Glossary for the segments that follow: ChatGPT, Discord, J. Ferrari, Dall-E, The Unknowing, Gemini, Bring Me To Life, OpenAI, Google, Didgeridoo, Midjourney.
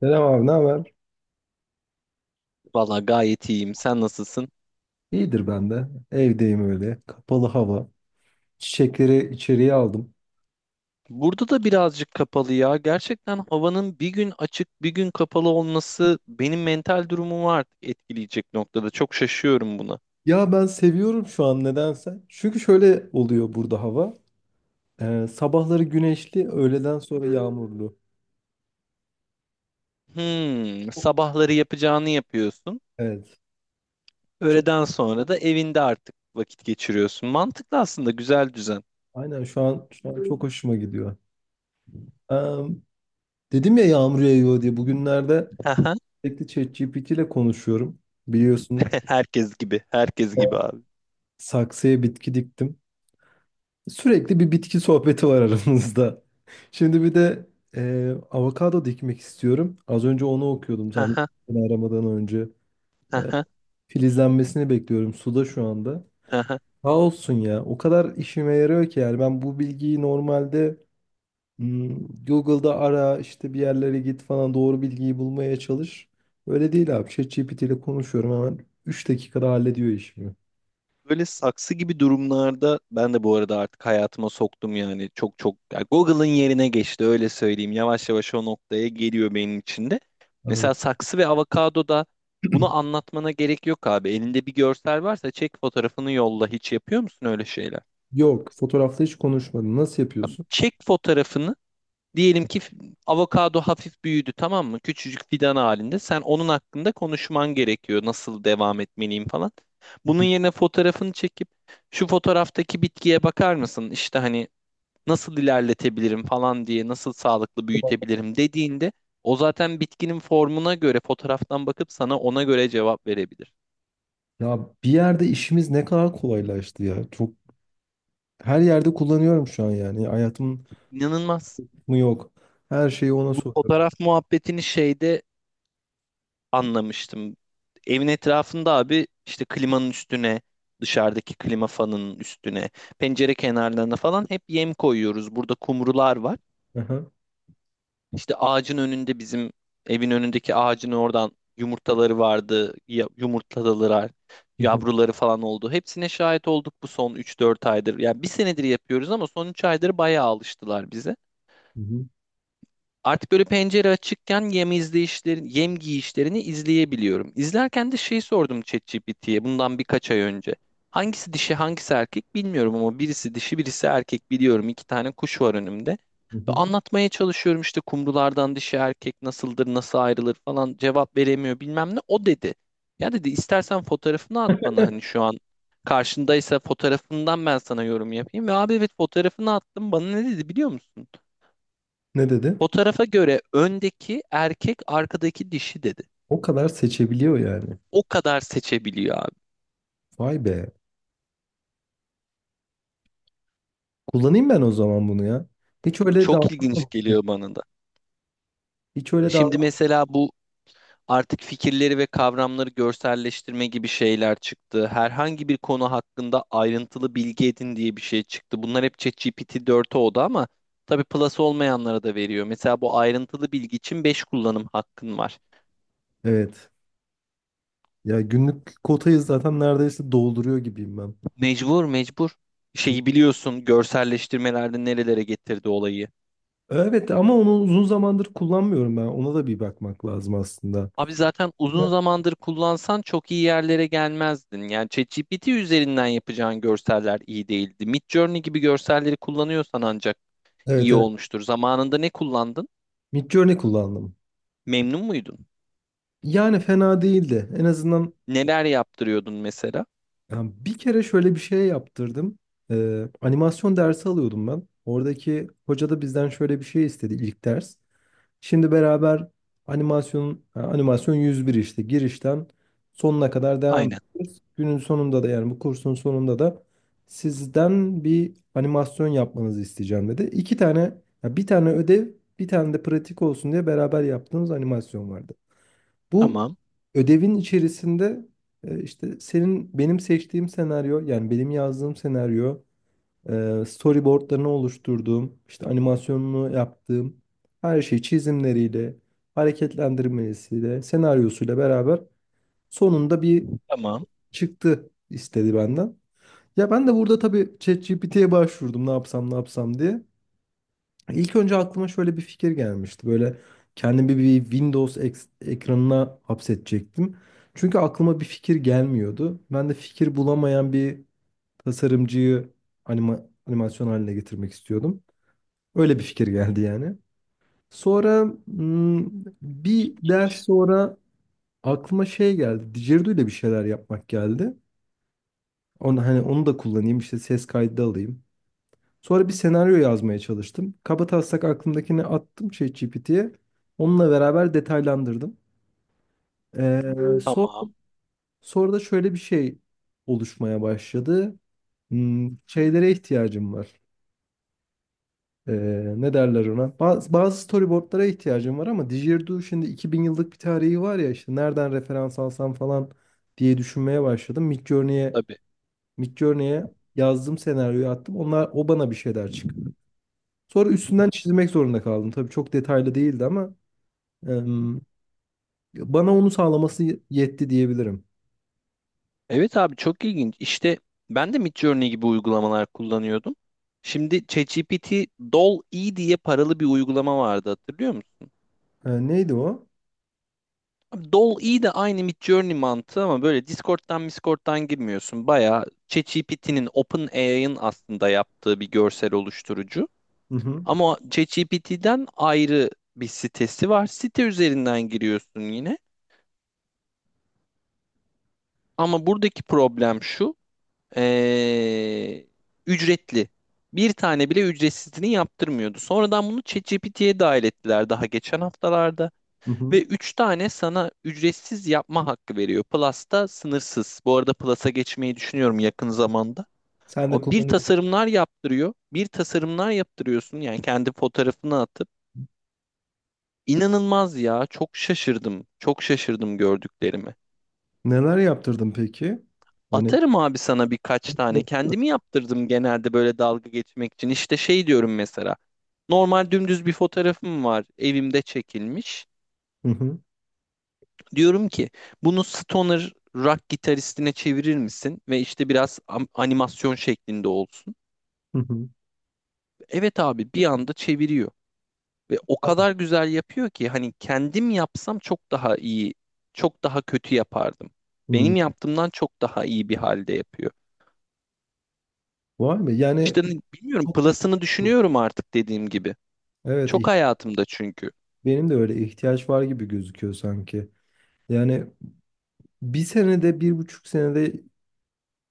Selam abi, ne haber? Valla gayet iyiyim. Sen nasılsın? İyidir ben de. Evdeyim öyle. Kapalı hava. Çiçekleri içeriye aldım. Burada da birazcık kapalı ya. Gerçekten havanın bir gün açık, bir gün kapalı olması benim mental durumumu artık etkileyecek noktada. Çok şaşıyorum buna. Ya ben seviyorum şu an nedense. Çünkü şöyle oluyor burada hava. Sabahları güneşli, öğleden sonra yağmurlu. Sabahları yapacağını yapıyorsun. Evet. Çok Öğleden sonra da evinde artık vakit geçiriyorsun. Mantıklı aslında, güzel düzen. aynen şu an çok hoşuma gidiyor. Ee, Dedim ya yağmur yağıyor diye. Bugünlerde sürekli ChatGPT ile konuşuyorum. Biliyorsun Herkes gibi, herkes gibi abi. saksıya bitki diktim. Sürekli bir bitki sohbeti var aramızda. Şimdi bir de avokado dikmek istiyorum. Az önce onu okuyordum sen beni aramadan önce. E, Filizlenmesini bekliyorum. Suda şu anda. Sağ olsun ya. O kadar işime yarıyor ki yani ben bu bilgiyi normalde Google'da ara işte bir yerlere git falan doğru bilgiyi bulmaya çalış. Öyle değil abi. ChatGPT ile konuşuyorum, hemen 3 dakikada hallediyor işimi. Böyle saksı gibi durumlarda ben de bu arada artık hayatıma soktum yani çok çok yani Google'ın yerine geçti öyle söyleyeyim. Yavaş yavaş o noktaya geliyor benim için de. Aynen. Mesela saksı ve avokado da bunu anlatmana gerek yok abi. Elinde bir görsel varsa çek fotoğrafını yolla. Hiç yapıyor musun öyle şeyler? Yok, fotoğrafla hiç konuşmadım. Nasıl Abi yapıyorsun? çek fotoğrafını. Diyelim ki avokado hafif büyüdü, tamam mı? Küçücük fidan halinde. Sen onun hakkında konuşman gerekiyor. Nasıl devam etmeliyim falan. Bunun yerine fotoğrafını çekip şu fotoğraftaki bitkiye bakar mısın, İşte hani nasıl ilerletebilirim falan diye, nasıl sağlıklı büyütebilirim dediğinde o zaten bitkinin formuna göre fotoğraftan bakıp sana ona göre cevap verebilir. Ya bir yerde işimiz ne kadar kolaylaştı ya. Çok her yerde kullanıyorum şu an yani. Hayatım İnanılmaz. mı yok. Her şeyi ona Bu soruyorum. fotoğraf muhabbetini şeyde anlamıştım. Evin etrafında abi işte klimanın üstüne, dışarıdaki klima fanının üstüne, pencere kenarlarına falan hep yem koyuyoruz. Burada kumrular var. Aha. İşte ağacın önünde bizim evin önündeki ağacın oradan yumurtaları vardı. Yumurtladılar. Hı hı, Yavruları falan oldu. Hepsine şahit olduk bu son üç dört aydır. Ya bir senedir yapıyoruz ama son 3 aydır bayağı alıştılar bize. hı hı, Artık böyle pencere açıkken yem izleyişlerini, yem giyişlerini izleyebiliyorum. İzlerken de şey sordum ChatGPT'ye bundan birkaç ay önce. Hangisi dişi, hangisi erkek bilmiyorum ama birisi dişi, birisi erkek biliyorum. İki tane kuş var önümde. hı Ve hı. anlatmaya çalışıyorum işte kumrulardan dişi erkek nasıldır, nasıl ayrılır falan, cevap veremiyor bilmem ne. O dedi. Ya dedi, istersen fotoğrafını at bana, hani şu an karşındaysa fotoğrafından ben sana yorum yapayım. Ve abi evet, fotoğrafını attım, bana ne dedi biliyor musun? Ne dedi? Fotoğrafa göre öndeki erkek, arkadaki dişi dedi. O kadar seçebiliyor yani. O kadar seçebiliyor abi. Vay be. Kullanayım ben o zaman bunu ya. Hiç öyle Çok ilginç davranmadım. geliyor bana da. Hiç öyle Şimdi davran. mesela bu artık fikirleri ve kavramları görselleştirme gibi şeyler çıktı. Herhangi bir konu hakkında ayrıntılı bilgi edin diye bir şey çıktı. Bunlar hep ChatGPT 4'e oldu ama tabii plus olmayanlara da veriyor. Mesela bu ayrıntılı bilgi için 5 kullanım hakkın var. Evet. Ya günlük kotayı zaten neredeyse dolduruyor gibiyim ben. Mecbur mecbur. Şeyi Bir- biliyorsun, görselleştirmelerde nerelere getirdi olayı. Evet ama onu uzun zamandır kullanmıyorum ben. Ona da bir bakmak lazım aslında. Abi zaten uzun zamandır kullansan çok iyi yerlere gelmezdin. Yani ChatGPT üzerinden yapacağın görseller iyi değildi. Midjourney gibi görselleri kullanıyorsan ancak Evet, iyi evet. olmuştur. Zamanında ne kullandın? Midjourney kullandım. Memnun muydun? Yani fena değildi. En azından Neler yaptırıyordun mesela? yani bir kere şöyle bir şey yaptırdım. Animasyon dersi alıyordum ben. Oradaki hoca da bizden şöyle bir şey istedi ilk ders. Şimdi beraber animasyonun ha, animasyon 101 işte girişten sonuna kadar devam Aynen. ediyoruz. Günün sonunda da yani bu kursun sonunda da sizden bir animasyon yapmanızı isteyeceğim dedi. İki tane ya bir tane ödev, bir tane de pratik olsun diye beraber yaptığımız animasyon vardı. Bu Tamam. ödevin içerisinde işte senin benim seçtiğim senaryo yani benim yazdığım senaryo, storyboardlarını oluşturduğum işte animasyonunu yaptığım her şey çizimleriyle, hareketlendirmesiyle, senaryosuyla beraber sonunda bir Tamam. çıktı istedi benden. Ya ben de burada tabii ChatGPT'ye başvurdum ne yapsam ne yapsam diye. İlk önce aklıma şöyle bir fikir gelmişti. Böyle kendimi bir ekranına hapsedecektim. Çünkü aklıma bir fikir gelmiyordu. Ben de fikir bulamayan bir tasarımcıyı animasyon haline getirmek istiyordum. Öyle bir fikir geldi yani. Sonra bir ders İnç. sonra aklıma şey geldi. Didgeridoo ile bir şeyler yapmak geldi. Onu, hani onu da kullanayım işte ses kaydı alayım. Sonra bir senaryo yazmaya çalıştım. Kabataslak aklımdakini attım ChatGPT'ye. Onunla beraber detaylandırdım. Ee, sonra, Tamam. sonra da şöyle bir şey oluşmaya başladı. Hmm, şeylere ihtiyacım var. Ee, ne derler ona? Bazı storyboardlara ihtiyacım var ama Didgeridoo şimdi 2000 yıllık bir tarihi var ya işte nereden referans alsam falan diye düşünmeye başladım. Tabii. Midjourney'e yazdım, senaryoyu attım. Onlar o bana bir şeyler. Sonra üstünden çizmek zorunda kaldım. Tabii çok detaylı değildi ama em, bana onu sağlaması yetti diyebilirim. Evet abi, çok ilginç. İşte ben de Midjourney gibi uygulamalar kullanıyordum. Şimdi ChatGPT, Dall-E diye paralı bir uygulama vardı, hatırlıyor musun? E, neydi o? Abi Dall-E de aynı Midjourney mantığı ama böyle Discord'dan girmiyorsun. Bayağı ChatGPT'nin, OpenAI'ın aslında yaptığı bir görsel oluşturucu. Hı hı, Ama ChatGPT'den ayrı bir sitesi var. Site üzerinden giriyorsun yine. Ama buradaki problem şu. Ee, Ücretli. Bir tane bile ücretsizini yaptırmıyordu. Sonradan bunu ChatGPT'ye dahil ettiler, daha geçen haftalarda. hı hı. Ve 3 tane sana ücretsiz yapma hakkı veriyor. Plus'ta sınırsız. Bu arada Plus'a geçmeyi düşünüyorum yakın zamanda. Sen de O bir kullanıyorsun. tasarımlar yaptırıyor. Bir tasarımlar yaptırıyorsun yani, kendi fotoğrafını atıp. İnanılmaz ya. Çok şaşırdım. Çok şaşırdım gördüklerime. Neler yaptırdın peki? Hani Atarım abi sana birkaç tane. hı Kendimi yaptırdım genelde böyle dalga geçmek için. İşte şey diyorum mesela. Normal dümdüz bir fotoğrafım var. Evimde çekilmiş. hı, Diyorum ki bunu stoner rock gitaristine çevirir misin? Ve işte biraz animasyon şeklinde olsun. hı hı. Evet abi, bir anda çeviriyor. Ve o kadar güzel yapıyor ki hani kendim yapsam çok daha iyi, çok daha kötü yapardım. Hı. Benim yaptığımdan çok daha iyi bir halde yapıyor. Vay be yani İşte bilmiyorum, çok plus'ını düşünüyorum artık dediğim gibi. evet Çok hayatımda çünkü. benim de öyle ihtiyaç var gibi gözüküyor sanki. Yani bir senede, bir buçuk senede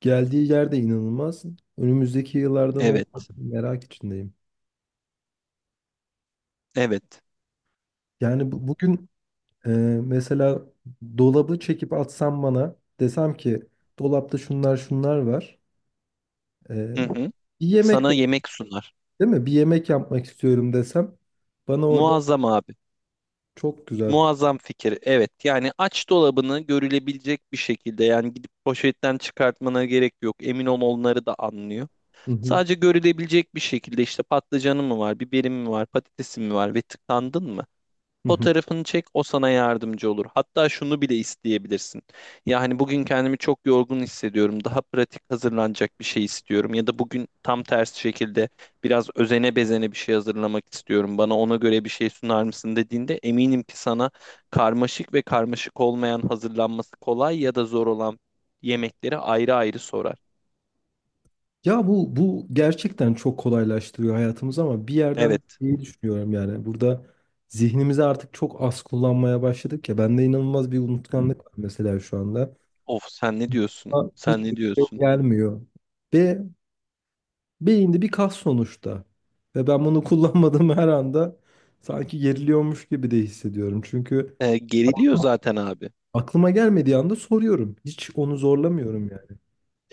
geldiği yer de inanılmaz. Önümüzdeki yıllardan olmak Evet, merak içindeyim. evet. Yani bugün, Ee, mesela, dolabı çekip atsam, bana desem ki dolapta şunlar şunlar var. Ee, Hı hı. bir yemek, Sana yemek sunar. değil mi? Bir yemek yapmak istiyorum desem bana orada Muazzam abi. çok güzel. Muazzam fikir. Evet. Yani aç dolabını görülebilecek bir şekilde, yani gidip poşetten çıkartmana gerek yok. Emin ol, onları da anlıyor. Hı hı, Sadece görülebilecek bir şekilde, işte patlıcanı mı var, biberi mi var, patatesi mi var, ve tıkandın mı? hı hı. Fotoğrafını çek, o sana yardımcı olur. Hatta şunu bile isteyebilirsin. Yani bugün kendimi çok yorgun hissediyorum, daha pratik hazırlanacak bir şey istiyorum. Ya da bugün tam tersi şekilde biraz özene bezene bir şey hazırlamak istiyorum, bana ona göre bir şey sunar mısın dediğinde, eminim ki sana karmaşık ve karmaşık olmayan, hazırlanması kolay ya da zor olan yemekleri ayrı ayrı sorar. Ya bu gerçekten çok kolaylaştırıyor hayatımızı ama bir yerden Evet. iyi düşünüyorum yani. Burada zihnimizi artık çok az kullanmaya başladık ya. Bende inanılmaz bir unutkanlık var mesela şu anda. Of, sen ne diyorsun? Ama hiç Sen ne şey diyorsun? gelmiyor. Ve beyinde bir kas sonuçta. Ve ben bunu kullanmadığım her anda sanki geriliyormuş gibi de hissediyorum. Çünkü Geriliyor zaten abi. aklıma gelmediği anda soruyorum. Hiç onu zorlamıyorum yani.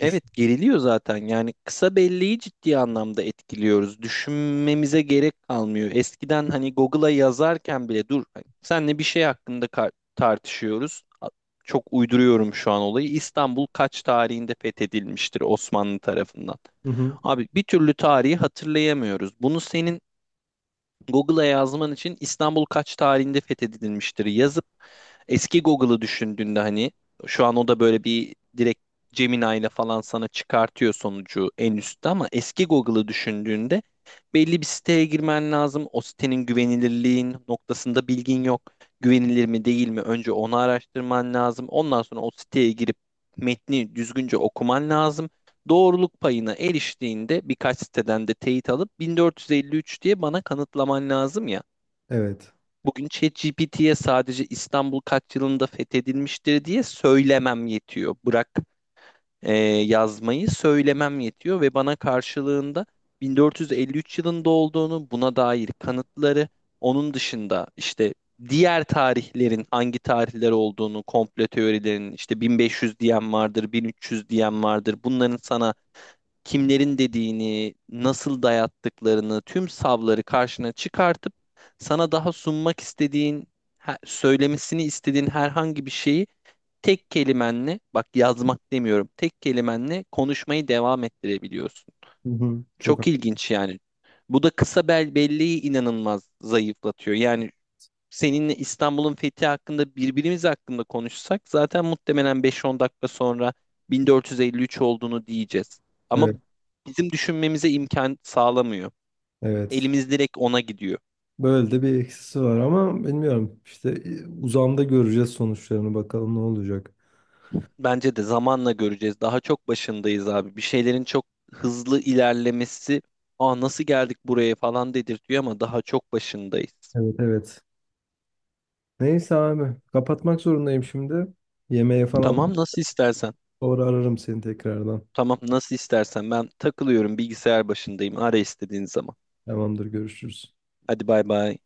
Düşün. geriliyor zaten, yani kısa belleği ciddi anlamda etkiliyoruz. Düşünmemize gerek kalmıyor. Eskiden hani Google'a yazarken bile, dur hani senle bir şey hakkında tartışıyoruz. Çok uyduruyorum şu an olayı. İstanbul kaç tarihinde fethedilmiştir Osmanlı tarafından? Hı hı. Abi, bir türlü tarihi hatırlayamıyoruz. Bunu senin Google'a yazman için, İstanbul kaç tarihinde fethedilmiştir yazıp eski Google'ı düşündüğünde, hani şu an o da böyle bir direkt Gemini ile falan sana çıkartıyor sonucu en üstte, ama eski Google'ı düşündüğünde belli bir siteye girmen lazım. O sitenin güvenilirliğin noktasında bilgin yok. Güvenilir mi değil mi? Önce onu araştırman lazım. Ondan sonra o siteye girip metni düzgünce okuman lazım, doğruluk payına eriştiğinde birkaç siteden de teyit alıp 1453 diye bana kanıtlaman lazım ya. Evet. Bugün ChatGPT'ye sadece İstanbul kaç yılında fethedilmiştir diye söylemem yetiyor. Bırak yazmayı, söylemem yetiyor ve bana karşılığında 1453 yılında olduğunu, buna dair kanıtları, onun dışında işte diğer tarihlerin hangi tarihler olduğunu, komplo teorilerinin, işte 1500 diyen vardır, 1300 diyen vardır. Bunların sana kimlerin dediğini, nasıl dayattıklarını, tüm savları karşına çıkartıp sana, daha sunmak istediğin, söylemesini istediğin herhangi bir şeyi tek kelimenle, bak yazmak demiyorum, tek kelimenle konuşmayı devam ettirebiliyorsun. Hı hı. Çok ha- Çok ilginç yani. Bu da kısa belleği inanılmaz zayıflatıyor. Yani seninle İstanbul'un fethi hakkında, birbirimiz hakkında konuşsak zaten muhtemelen beş on dakika sonra 1453 olduğunu diyeceğiz. Ama evet. bizim düşünmemize imkan sağlamıyor. Evet. Elimiz direkt ona gidiyor. Böyle de bir eksisi var ama bilmiyorum. İşte uzamda göreceğiz sonuçlarını, bakalım ne olacak. Bence de zamanla göreceğiz. Daha çok başındayız abi. Bir şeylerin çok hızlı ilerlemesi, "Aa, nasıl geldik buraya?" falan dedirtiyor ama daha çok başındayız. Evet, evet. Neyse abi, kapatmak zorundayım şimdi. Yemeğe falan, Tamam, nasıl istersen. sonra ararım seni tekrardan. Tamam, nasıl istersen. Ben takılıyorum, bilgisayar başındayım. Ara istediğin zaman. Tamamdır, görüşürüz. Hadi bay bay.